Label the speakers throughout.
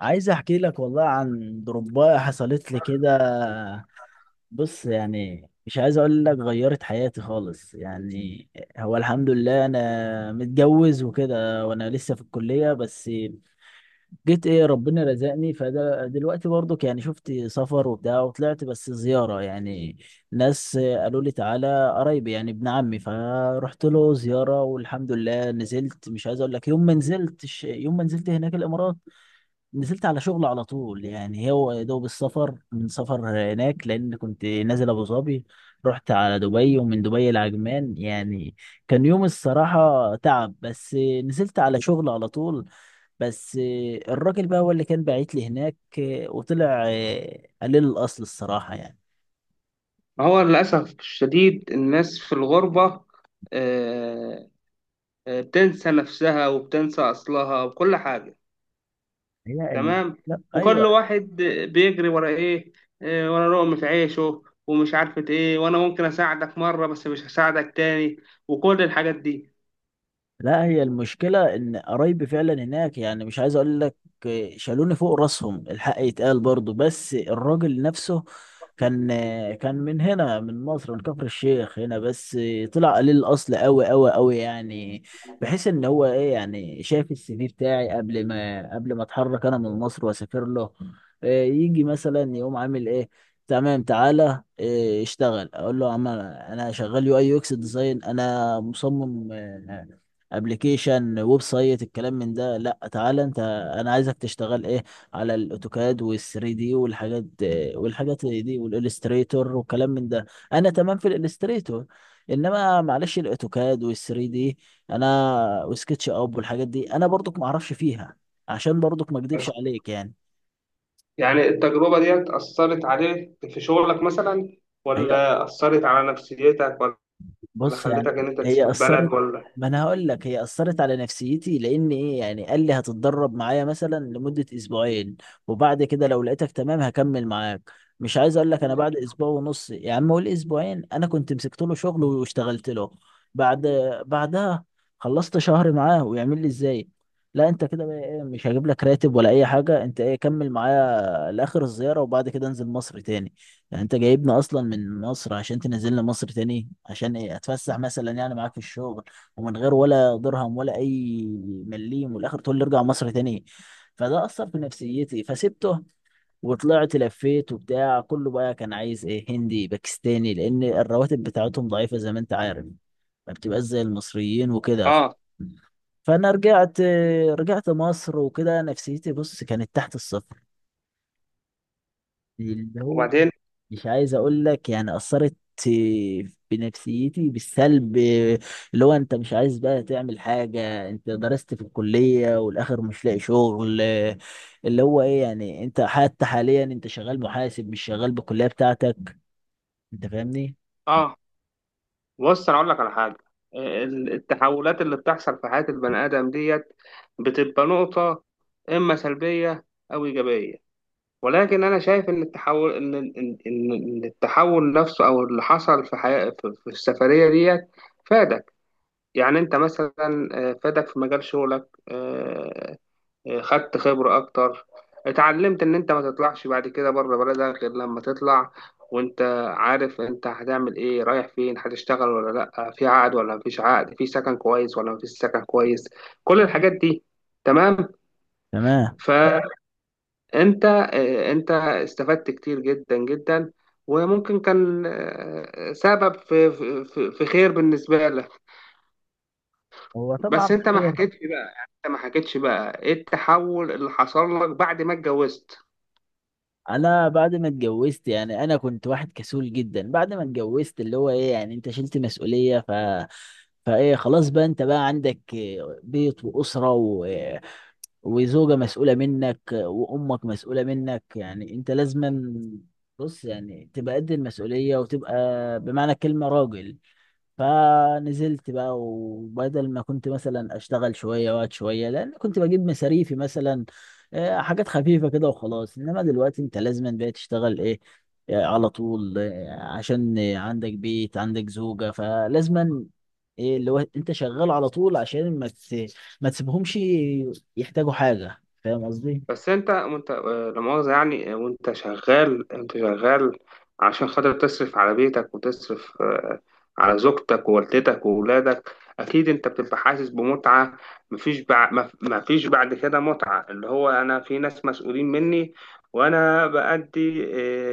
Speaker 1: عايز احكي لك والله عن ضرباية حصلت لي كده. بص يعني، مش عايز اقول لك غيرت حياتي خالص يعني. هو الحمد لله انا متجوز وكده، وانا لسه في الكلية بس جيت. ايه، ربنا رزقني، فدلوقتي برضك يعني شفت سفر وبتاع وطلعت بس زيارة يعني. ناس قالوا لي تعالى قرايبي، يعني ابن عمي، فرحت له زيارة والحمد لله نزلت. مش عايز اقول لك، يوم ما نزلت هناك الامارات، نزلت على شغل على طول. يعني هو يا دوب السفر من سفر هناك، لان كنت نازل ابو ظبي، رحت على دبي، ومن دبي لعجمان يعني. كان يوم الصراحة تعب، بس نزلت على شغل على طول. بس الراجل بقى هو اللي كان باعت لي هناك، وطلع قليل الاصل الصراحة يعني.
Speaker 2: ما هو للأسف الشديد الناس في الغربة، آه، بتنسى نفسها وبتنسى أصلها وكل حاجة.
Speaker 1: هي الم...
Speaker 2: تمام.
Speaker 1: لا
Speaker 2: وكل
Speaker 1: ايوه،
Speaker 2: واحد بيجري ورا إيه؟ ورا لقمة عيشه ومش عارفة إيه، وأنا ممكن أساعدك مرة بس مش هساعدك تاني وكل الحاجات دي.
Speaker 1: لا، هي المشكلة إن قرايبي فعلا هناك، يعني مش عايز أقول لك، شالوني فوق راسهم، الحق يتقال برضو. بس الراجل نفسه كان كان من هنا، من مصر، من كفر الشيخ هنا، بس طلع قليل الأصل أوي أوي أوي يعني. بحيث إن هو إيه يعني، شاف السي في بتاعي قبل ما أتحرك أنا من مصر وأسافر له. إيه، يجي مثلا يقوم عامل إيه، تمام تعالى إيه، اشتغل. اقول له يا عم انا شغال يو اي يو اكس ديزاين، انا مصمم، ابلكيشن ويب سايت، الكلام من ده. لا تعالى انت، انا عايزك تشتغل ايه، على الاوتوكاد وال3 دي والحاجات، والحاجات دي، والالستريتور، والكلام من ده. انا تمام في الالستريتور، انما معلش الاوتوكاد وال3 دي انا وسكتش اب والحاجات دي انا برضك ما اعرفش فيها، عشان برضك ما اكدبش عليك يعني.
Speaker 2: يعني التجربة دي أثرت عليك في شغلك مثلا،
Speaker 1: هي،
Speaker 2: ولا أثرت على نفسيتك، ولا
Speaker 1: بص
Speaker 2: خلتك
Speaker 1: يعني،
Speaker 2: إن أنت تسيب
Speaker 1: هي اثرت.
Speaker 2: البلد ولا؟
Speaker 1: ما انا هقول لك، هي اثرت على نفسيتي، لان ايه يعني، قال لي هتتدرب معايا مثلا لمده اسبوعين، وبعد كده لو لقيتك تمام هكمل معاك. مش عايز اقول لك انا بعد اسبوع ونص، يا عم قول اسبوعين، انا كنت مسكت له شغل واشتغلت له. بعد بعدها خلصت شهر معاه، ويعمل لي ازاي؟ لا انت كده بقى ايه، مش هجيب لك راتب ولا اي حاجه، انت ايه كمل معايا لاخر الزياره وبعد كده انزل مصر تاني. يعني انت جايبنا اصلا من مصر عشان تنزلنا مصر تاني، عشان ايه، اتفسح مثلا يعني معاك في الشغل، ومن غير ولا درهم ولا اي مليم، والاخر تقول لي ارجع مصر تاني. فده اثر في نفسيتي فسبته، وطلعت لفيت وبتاع. كله بقى كان عايز ايه، هندي باكستاني، لان الرواتب بتاعتهم ضعيفة زي ما انت عارف، ما بتبقاش زي المصريين وكده.
Speaker 2: آه.
Speaker 1: فانا رجعت مصر وكده، نفسيتي بص كانت تحت الصفر. اللي هو،
Speaker 2: وبعدين؟
Speaker 1: مش عايز اقول لك يعني، اثرت بنفسيتي بالسلب، اللي هو انت مش عايز بقى تعمل حاجه، انت درست في الكليه والاخر مش لاقي شغل. اللي هو ايه يعني، انت حتى حاليا انت شغال محاسب، مش شغال بالكليه بتاعتك، انت فاهمني.
Speaker 2: آه بص انا اقول لك على حاجه. التحولات اللي بتحصل في حياه البني ادم ديت بتبقى نقطه، اما سلبيه او ايجابيه، ولكن انا شايف ان التحول ان ان ان إن التحول نفسه او اللي حصل في حياه في السفريه ديت فادك. يعني انت مثلا فادك في مجال شغلك، خدت خبرة أكتر، اتعلمت إن أنت ما تطلعش بعد كده بره بلدك غير لما تطلع وأنت عارف أنت هتعمل إيه، رايح فين، هتشتغل ولا لأ، في عقد ولا مفيش عقد، في سكن كويس ولا مفيش سكن كويس، كل الحاجات دي. تمام.
Speaker 1: تمام.
Speaker 2: فأنت أنت استفدت كتير جدا جدا، وممكن كان سبب في خير بالنسبة لك.
Speaker 1: هو
Speaker 2: بس
Speaker 1: طبعا
Speaker 2: أنت ما
Speaker 1: خير.
Speaker 2: حكيتش بقى، إيه التحول اللي حصل لك بعد ما اتجوزت؟
Speaker 1: انا بعد ما اتجوزت يعني، انا كنت واحد كسول جدا. بعد ما اتجوزت، اللي هو ايه يعني، انت شلت مسؤولية، ف فايه خلاص بقى، انت بقى عندك بيت واسرة وزوجة مسؤولة منك، وامك مسؤولة منك، يعني انت لازما، بص يعني، تبقى قد المسؤولية، وتبقى بمعنى الكلمة راجل. فنزلت بقى، وبدل ما كنت مثلا اشتغل شويه وقت شويه، لان كنت بجيب مصاريفي مثلا، حاجات خفيفه كده وخلاص، انما دلوقتي انت لازم بقى تشتغل ايه، على طول، عشان عندك بيت، عندك زوجه، فلازم ايه، اللي هو انت شغال على طول، عشان ما تسيبهمش يحتاجوا حاجه. فاهم قصدي؟
Speaker 2: بس انت وانت آه، لا مؤاخذة، يعني وانت شغال، انت شغال، عشان خاطر تصرف على بيتك، وتصرف على زوجتك ووالدتك وولادك، اكيد انت بتبقى حاسس بمتعة. مفيش بعد مفيش بعد كده متعة اللي هو انا في ناس مسؤولين مني، وانا بأدي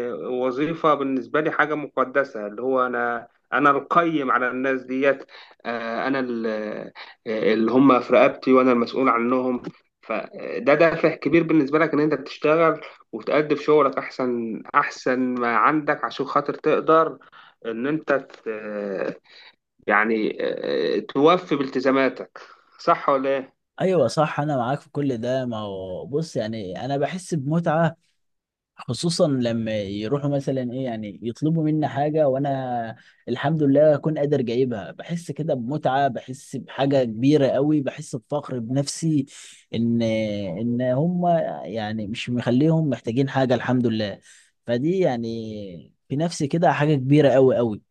Speaker 2: وظيفة بالنسبة لي حاجة مقدسة، اللي هو انا القيم على الناس ديت، آه، انا ال- آه، اللي هم في رقبتي وانا المسؤول عنهم. فده دافع كبير بالنسبة لك إن أنت بتشتغل وتأدي في شغلك أحسن ما عندك، عشان خاطر تقدر إن يعني توفي بالتزاماتك. صح ولا إيه؟
Speaker 1: ايوه صح، انا معاك في كل ده. ما هو بص يعني، انا بحس بمتعه، خصوصا لما يروحوا مثلا ايه يعني، يطلبوا مني حاجه وانا الحمد لله اكون قادر جايبها، بحس كده بمتعه، بحس بحاجه كبيره قوي، بحس بفخر بنفسي، ان هم يعني مش مخليهم محتاجين حاجه الحمد لله. فدي يعني في نفسي كده حاجه كبيره قوي قوي.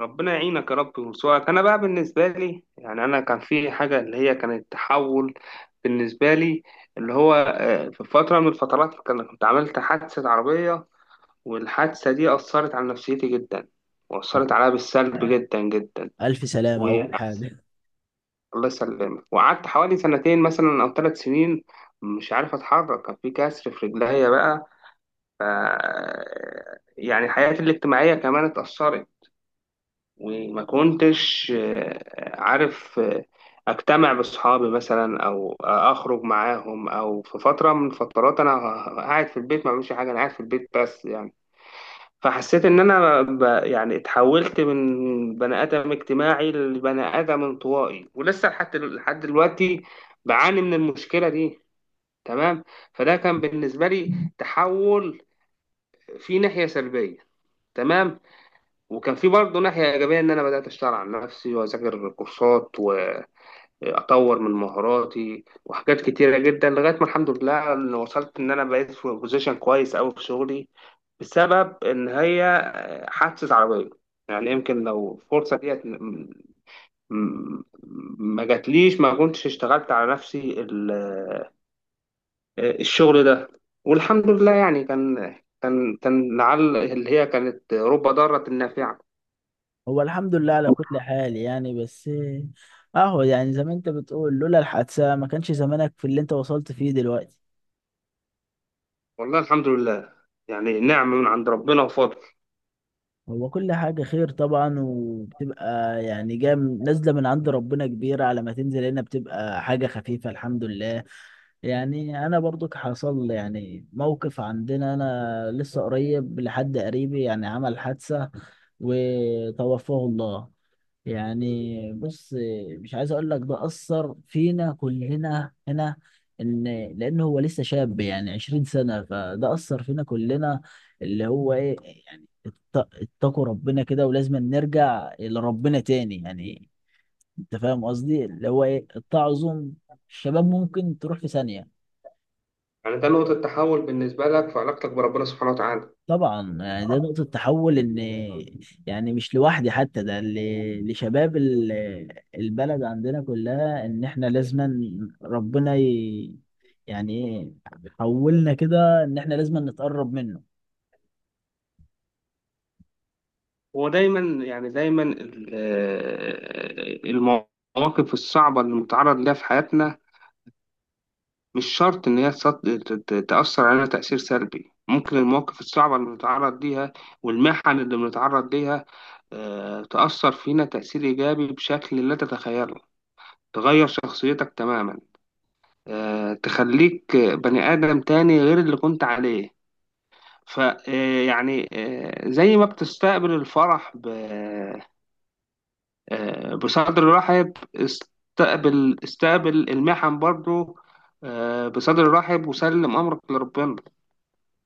Speaker 2: ربنا يعينك يا رب ويرزقك. أنا بقى بالنسبة لي، يعني أنا كان في حاجة اللي هي كانت تحول بالنسبة لي، اللي هو في فترة من الفترات كنت عملت حادثة عربية، والحادثة دي أثرت على نفسيتي جدا وأثرت عليا بالسلب جدا جدا،
Speaker 1: ألف سلامة أول
Speaker 2: وأحسن.
Speaker 1: حاجة.
Speaker 2: الله يسلمك. وقعدت حوالي سنتين مثلا أو ثلاث سنين مش عارف أتحرك، كان في كسر في رجليا بقى. ف يعني حياتي الاجتماعية كمان اتأثرت، وما كنتش عارف أجتمع بأصحابي مثلا أو أخرج معاهم، أو في فترة من فترات أنا قاعد في البيت ما بعملش حاجة، أنا قاعد في البيت بس، يعني. فحسيت ان انا يعني اتحولت من بني ادم اجتماعي لبني ادم انطوائي، ولسه لحد لحد دلوقتي بعاني من المشكله دي. تمام. فده كان بالنسبه لي تحول في ناحيه سلبيه. تمام. وكان في برضه ناحيه ايجابيه، ان انا بدات اشتغل على نفسي واذاكر كورسات، اطور من مهاراتي وحاجات كتيره جدا، لغايه ما الحمد لله إن وصلت ان انا بقيت في بوزيشن كويس قوي في شغلي بسبب ان هي حادثه عربيه. يعني يمكن لو الفرصه ديت م- ما جاتليش ما كنتش اشتغلت على نفسي الشغل ده، والحمد لله. يعني كان لعل اللي هي كانت رب ضارة نافعة.
Speaker 1: هو الحمد لله على كل حال يعني. بس أهو، يعني زي ما أنت بتقول، لولا الحادثة ما كانش زمانك في اللي أنت وصلت فيه دلوقتي.
Speaker 2: والله الحمد لله، يعني نعمة من عند ربنا وفضل.
Speaker 1: هو كل حاجة خير طبعا، وبتبقى يعني جاية نازلة من عند ربنا كبيرة، على ما تنزل هنا بتبقى حاجة خفيفة الحمد لله. يعني أنا برضو حصل يعني موقف عندنا، أنا لسه قريب، لحد قريبي يعني عمل حادثة وتوفاه الله. يعني بص، مش عايز اقول لك، ده اثر فينا كلنا هنا، ان لان هو لسه شاب، يعني 20 سنه، فده اثر فينا كلنا. اللي هو ايه يعني، اتقوا ربنا كده، ولازم نرجع لربنا تاني يعني. انت فاهم قصدي، اللي هو ايه، التعظم، الشباب ممكن تروح في ثانيه.
Speaker 2: يعني ده نقطة تحول بالنسبة لك في علاقتك بربنا سبحانه وتعالى؟
Speaker 1: طبعا يعني ده نقطة تحول، ان يعني مش لوحدي حتى، ده لشباب البلد عندنا كلها، ان احنا لازما، ربنا ي... يعني ايه، حولنا كده ان احنا لازما نتقرب منه.
Speaker 2: هو دايما، يعني دايما المواقف الصعبة اللي متعرض لها في حياتنا مش شرط إن هي تأثر علينا تأثير سلبي، ممكن المواقف الصعبة اللي بنتعرض ليها والمحن اللي بنتعرض ليها تأثر فينا تأثير إيجابي بشكل لا تتخيله، تغير شخصيتك تماما، تخليك بني آدم تاني غير اللي كنت عليه. ف آه، يعني زي ما بتستقبل الفرح بصدر رحب، استقبل المحن برضو بصدر رحب، وسلم امرك لربنا.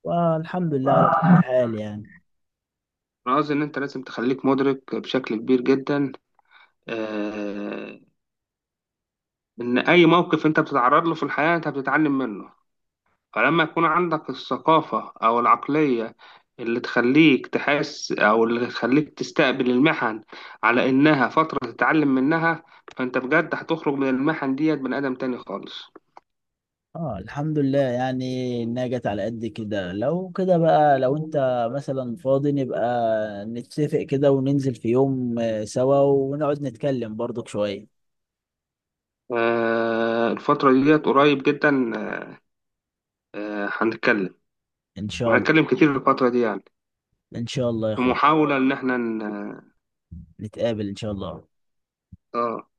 Speaker 1: والحمد لله على كل حال يعني.
Speaker 2: انا قصدي ان انت لازم تخليك مدرك بشكل كبير جدا، آه، ان اي موقف انت بتتعرض له في الحياة انت بتتعلم منه. فلما يكون عندك الثقافة أو العقلية اللي تخليك تحس، أو اللي تخليك تستقبل المحن على إنها فترة تتعلم منها، فأنت بجد هتخرج من المحن ديت بني آدم تاني خالص.
Speaker 1: اه الحمد لله. يعني انها جت على قد كده. لو كده بقى، لو انت مثلا فاضي نبقى نتفق كده، وننزل في يوم سوا، ونقعد نتكلم برضك شوية.
Speaker 2: آه، الفترة ديت قريب جدا، آه، هنتكلم،
Speaker 1: ان شاء الله.
Speaker 2: وهنتكلم كتير في الفترة دي، يعني
Speaker 1: ان شاء الله يا
Speaker 2: في
Speaker 1: اخويا،
Speaker 2: محاولة إن إحنا
Speaker 1: نتقابل إن شاء الله.
Speaker 2: آه